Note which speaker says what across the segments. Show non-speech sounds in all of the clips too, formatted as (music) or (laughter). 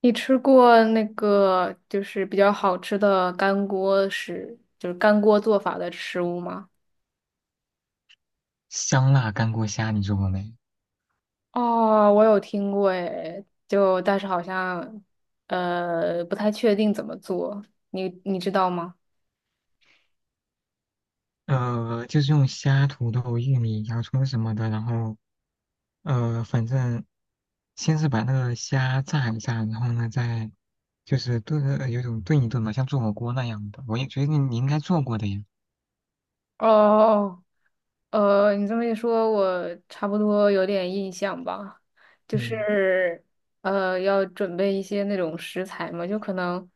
Speaker 1: 你吃过那个就是比较好吃的干锅食，就是干锅做法的食物吗？
Speaker 2: 香辣干锅虾你做过没？
Speaker 1: 哦，我有听过诶，就但是好像不太确定怎么做，你知道吗？
Speaker 2: 就是用虾、土豆、玉米、洋葱什么的，然后反正先是把那个虾炸一炸，然后呢再就是炖，有种炖一炖嘛，像做火锅那样的。我也觉得你应该做过的呀。
Speaker 1: 哦你这么一说，我差不多有点印象吧，就
Speaker 2: 嗯。
Speaker 1: 是要准备一些那种食材嘛，就可能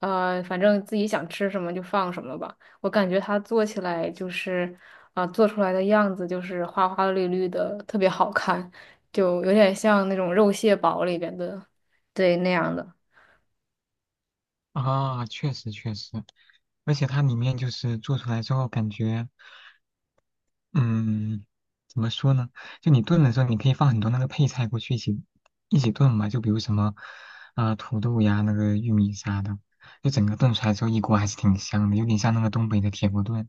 Speaker 1: 反正自己想吃什么就放什么吧。我感觉它做起来就是啊、做出来的样子就是花花绿绿的，特别好看，就有点像那种肉蟹堡里边的，对，那样的。
Speaker 2: 啊，确实确实，而且它里面就是做出来之后感觉。嗯，怎么说呢？就你炖的时候，你可以放很多那个配菜过去一起炖嘛，就比如什么啊、土豆呀、那个玉米啥的，就整个炖出来之后一锅还是挺香的，有点像那个东北的铁锅炖。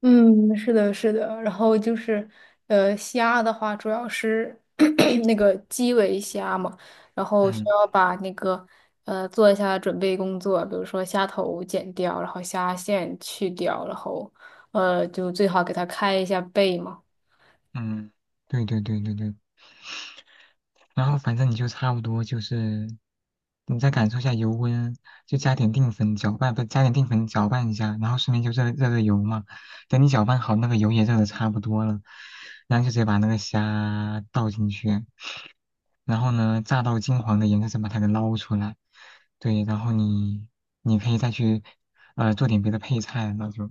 Speaker 1: 嗯，是的，是的。然后就是，呃，虾的话，主要是 (clears throat) 那个基围虾嘛，然后需
Speaker 2: 嗯。
Speaker 1: 要把那个做一下准备工作，比如说虾头剪掉，然后虾线去掉，然后就最好给它开一下背嘛。
Speaker 2: 嗯，对对对对对。然后反正你就差不多就是你再感受一下油温，就加点淀粉搅拌，不加点淀粉搅拌一下，然后顺便就热油嘛。等你搅拌好，那个油也热的差不多了，然后就直接把那个虾倒进去。然后呢，炸到金黄的颜色再把它给捞出来。对，然后你可以再去做点别的配菜，那就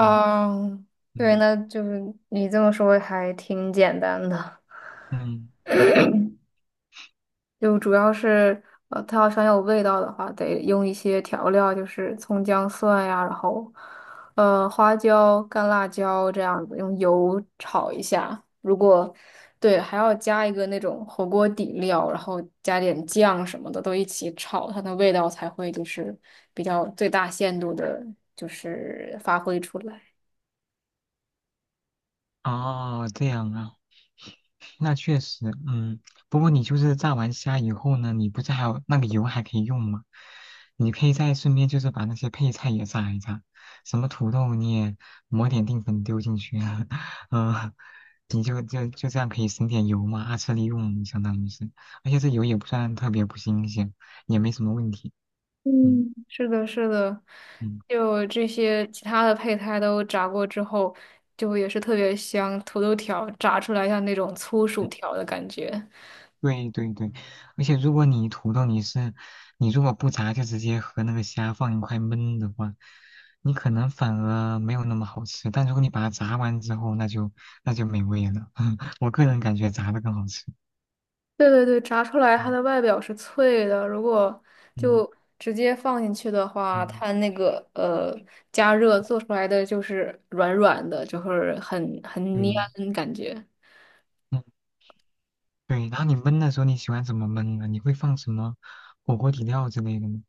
Speaker 2: 嗯。
Speaker 1: 对，
Speaker 2: 嗯。
Speaker 1: 那就是你这么说还挺简单的。
Speaker 2: 嗯。
Speaker 1: 就主要是它要想有味道的话，得用一些调料，就是葱姜蒜呀，然后花椒、干辣椒这样子，用油炒一下。如果对，还要加一个那种火锅底料，然后加点酱什么的，都一起炒，它的味道才会就是比较最大限度的，就是发挥出来。
Speaker 2: 哦这样啊。那确实，嗯，不过你就是炸完虾以后呢，你不是还有那个油还可以用吗？你可以再顺便就是把那些配菜也炸一炸，什么土豆你也抹点淀粉丢进去啊，(laughs) 嗯，你就这样可以省点油嘛，二次利用相当于是，而且这油也不算特别不新鲜，也没什么问题。嗯。
Speaker 1: 嗯，是的，是的，
Speaker 2: 嗯。嗯，
Speaker 1: 就这些其他的配菜都炸过之后，就也是特别香。土豆条炸出来像那种粗薯条的感觉。
Speaker 2: 对对对，而且如果你土豆你是，你如果不炸就直接和那个虾放一块焖的话，你可能反而没有那么好吃。但如果你把它炸完之后，那就美味了。(laughs) 我个人感觉炸的更好吃。
Speaker 1: 对对对，炸出来它
Speaker 2: 嗯。
Speaker 1: 的外表是脆的，如果
Speaker 2: 嗯。
Speaker 1: 就直接放进去的话，
Speaker 2: 嗯，
Speaker 1: 它那个加热做出来的就是软软的，就是很
Speaker 2: 对。
Speaker 1: 粘感觉。
Speaker 2: 嗯。对。然后你焖的时候你喜欢怎么焖呢？你会放什么火锅底料之类的吗？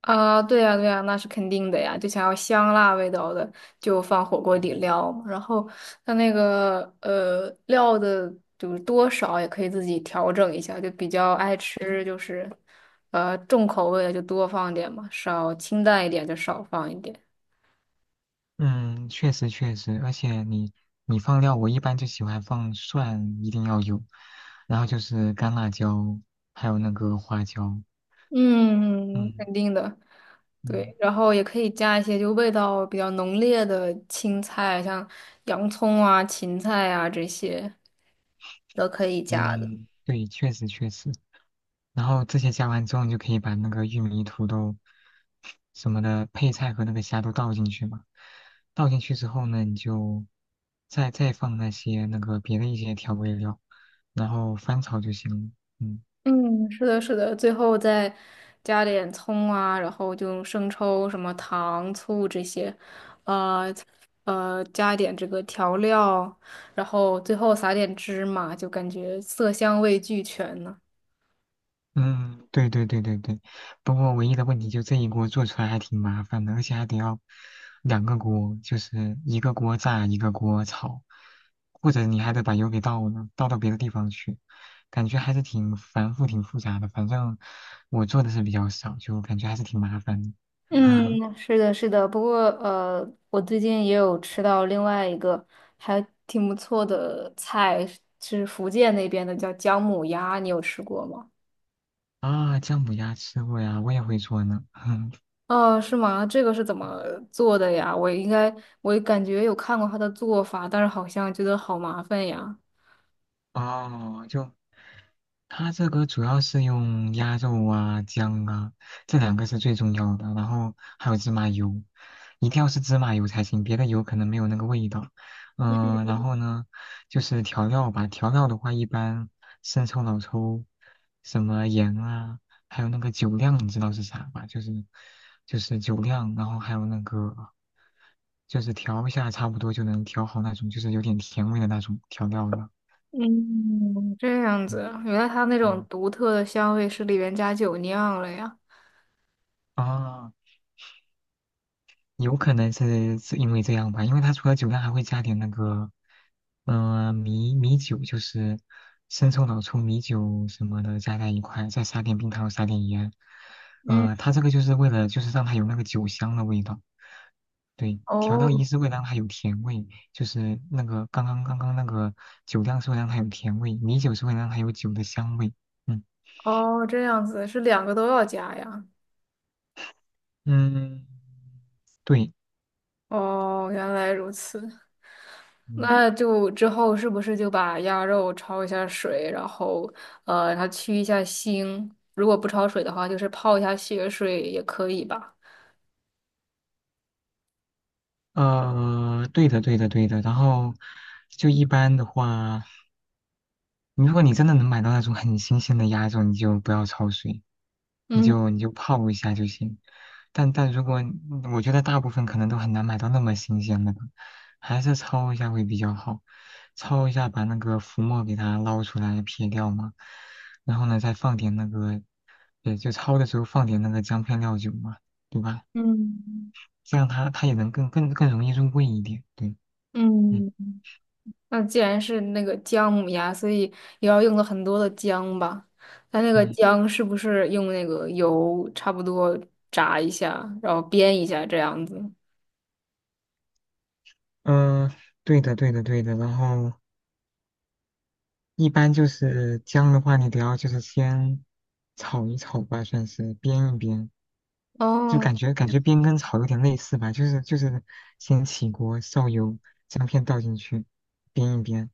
Speaker 1: 啊，对呀，对呀，那是肯定的呀。就想要香辣味道的，就放火锅底
Speaker 2: 嗯。
Speaker 1: 料嘛然后它那个料的，就是多少也可以自己调整一下。就比较爱吃，就是重口味的就多放点嘛，少清淡一点就少放一点。
Speaker 2: 嗯，确实确实，而且你放料，我一般就喜欢放蒜，一定要有，然后就是干辣椒，还有那个花椒。
Speaker 1: 嗯，
Speaker 2: 嗯。
Speaker 1: 肯定的。
Speaker 2: 嗯。
Speaker 1: 对，然后也可以加一些就味道比较浓烈的青菜，像洋葱啊、芹菜啊这些都可以加的。
Speaker 2: 嗯，对，确实确实。然后这些加完之后，你就可以把那个玉米、土豆什么的配菜和那个虾都倒进去嘛。倒进去之后呢，你就再放那些那个别的一些调味料，然后翻炒就行了。嗯。
Speaker 1: 嗯，是的，是的，最后再加点葱啊，然后就用生抽、什么糖、醋这些，呃加一点这个调料，然后最后撒点芝麻，就感觉色香味俱全呢。
Speaker 2: 嗯，对对对对对，不过唯一的问题就这一锅做出来还挺麻烦的，而且还得要两个锅，就是一个锅炸，一个锅炒，或者你还得把油给倒了，倒到别的地方去，感觉还是挺繁复、挺复杂的。反正我做的是比较少，就感觉还是挺麻烦的。(laughs) 啊。
Speaker 1: 嗯，是的，是的。不过，我最近也有吃到另外一个还挺不错的菜，是福建那边的，叫姜母鸭，你有吃过吗？
Speaker 2: 啊，姜母鸭吃过呀，我也会做呢。
Speaker 1: 哦，是吗？这个是怎么做的呀？我应该，我感觉有看过他的做法，但是好像觉得好麻烦呀。
Speaker 2: (laughs) 哦，就它这个主要是用鸭肉啊、姜啊，这两个是最重要的，然后还有芝麻油，一定要是芝麻油才行，别的油可能没有那个味道。嗯、然后呢，就是调料吧，调料的话一般生抽、老抽，什么盐啊，还有那个酒酿，你知道是啥吧？就是酒酿，然后还有那个就是调一下，差不多就能调好那种，就是有点甜味的那种调料了。
Speaker 1: 嗯，这样子
Speaker 2: 嗯。
Speaker 1: 啊原来它那种
Speaker 2: 嗯。
Speaker 1: 独特的香味是里面加酒酿了呀。
Speaker 2: 啊，有可能是因为这样吧，因为它除了酒量还会加点那个，嗯，米酒，就是生抽、老抽、米酒什么的加在一块，再撒点冰糖，撒点盐。
Speaker 1: 嗯，
Speaker 2: 它这个就是为了就是让它有那个酒香的味道，对，调料
Speaker 1: 哦
Speaker 2: 一是为了让它有甜味，就是那个刚刚那个酒量是会让它有甜味，米酒是会让它有酒的香味。嗯。
Speaker 1: 哦，这样子是两个都要加呀。
Speaker 2: 嗯，对。
Speaker 1: 哦，原来如此。
Speaker 2: 嗯。
Speaker 1: 那就之后是不是就把鸭肉焯一下水，然后让它去一下腥？如果不焯水的话，就是泡一下血水也可以吧？
Speaker 2: 对的，对的，对的。然后就一般的话，你如果你真的能买到那种很新鲜的鸭肉，你就不要焯水，你
Speaker 1: 嗯。
Speaker 2: 就你就泡一下就行。但如果我觉得大部分可能都很难买到那么新鲜的，还是焯一下会比较好。焯一下，把那个浮沫给它捞出来撇掉嘛，然后呢再放点那个，也就焯的时候放点那个姜片料酒嘛，对吧？
Speaker 1: 嗯
Speaker 2: 这样它也能更容易入味一点，对。嗯。
Speaker 1: 嗯，那既然是那个姜母鸭，所以也要用了很多的姜吧？它那个
Speaker 2: 嗯。
Speaker 1: 姜是不是用那个油差不多炸一下，然后煸一下这样子？
Speaker 2: 嗯，对的，对的，对的。然后一般就是姜的话，你得要就是先炒一炒吧，算是煸一煸，就
Speaker 1: 哦，
Speaker 2: 感觉煸跟炒有点类似吧，就是先起锅烧油，姜片倒进去，煸一煸，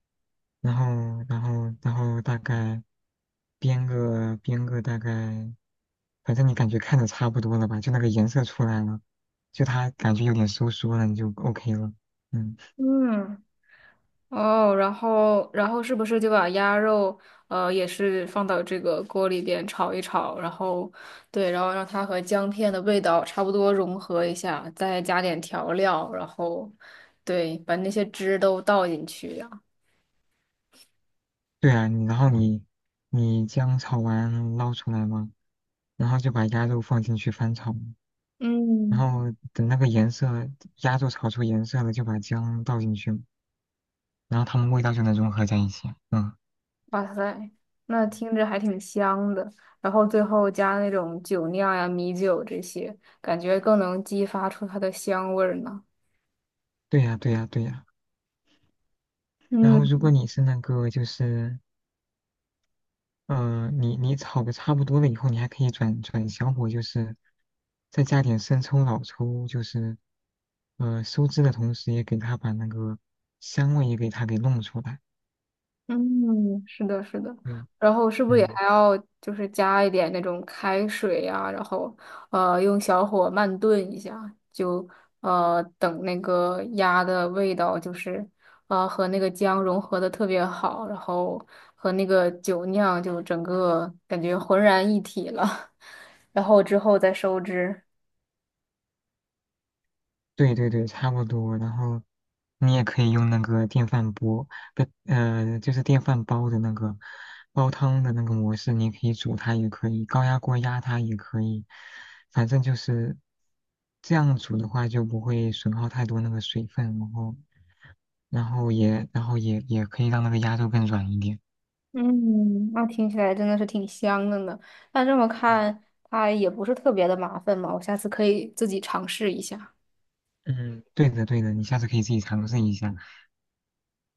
Speaker 2: 然后大概煸个大概，反正你感觉看着差不多了吧，就那个颜色出来了，就它感觉有点收缩了，你就 OK 了。嗯。
Speaker 1: 嗯，哦，然后是不是就把鸭肉也是放到这个锅里边炒一炒，然后对，然后让它和姜片的味道差不多融合一下，再加点调料，然后对，把那些汁都倒进去。呀。
Speaker 2: 对啊，然后你你姜炒完捞出来嘛，然后就把鸭肉放进去翻炒，然
Speaker 1: 嗯，
Speaker 2: 后等那个颜色，鸭肉炒出颜色了，就把姜倒进去，然后它们味道就能融合在一起啊。嗯，
Speaker 1: 哇塞，那听着还挺香的。然后最后加那种酒酿呀、米酒这些，感觉更能激发出它的香味儿呢。
Speaker 2: 对呀，对呀，对呀。然后如
Speaker 1: 嗯。
Speaker 2: 果你是那个就是，你你炒的差不多了以后，你还可以转小火，就是再加点生抽、老抽，就是收汁的同时，也给它把那个香味也给它给弄出来。
Speaker 1: 嗯，是的，是的。
Speaker 2: 对。
Speaker 1: 然后是不是也
Speaker 2: 嗯。
Speaker 1: 还要就是加一点那种开水呀、然后用小火慢炖一下，就等那个鸭的味道就是和那个姜融合的特别好，然后和那个酒酿就整个感觉浑然一体了，(laughs) 然后之后再收汁。
Speaker 2: 对对对，差不多。然后你也可以用那个电饭锅，不，就是电饭煲的那个煲汤的那个模式，你可以煮它，也可以高压锅压它，也可以。反正就是这样煮的话，就不会损耗太多那个水分，然后，然后也可以让那个鸭肉更软一点。
Speaker 1: 嗯，那听起来真的是挺香的呢。那这么看，它也不是特别的麻烦嘛，我下次可以自己尝试一下。
Speaker 2: 嗯，对的对的，你下次可以自己尝试一下。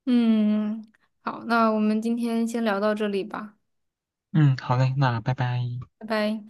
Speaker 1: 嗯，好，那我们今天先聊到这里吧，
Speaker 2: 嗯，好嘞，那拜拜。
Speaker 1: 拜拜。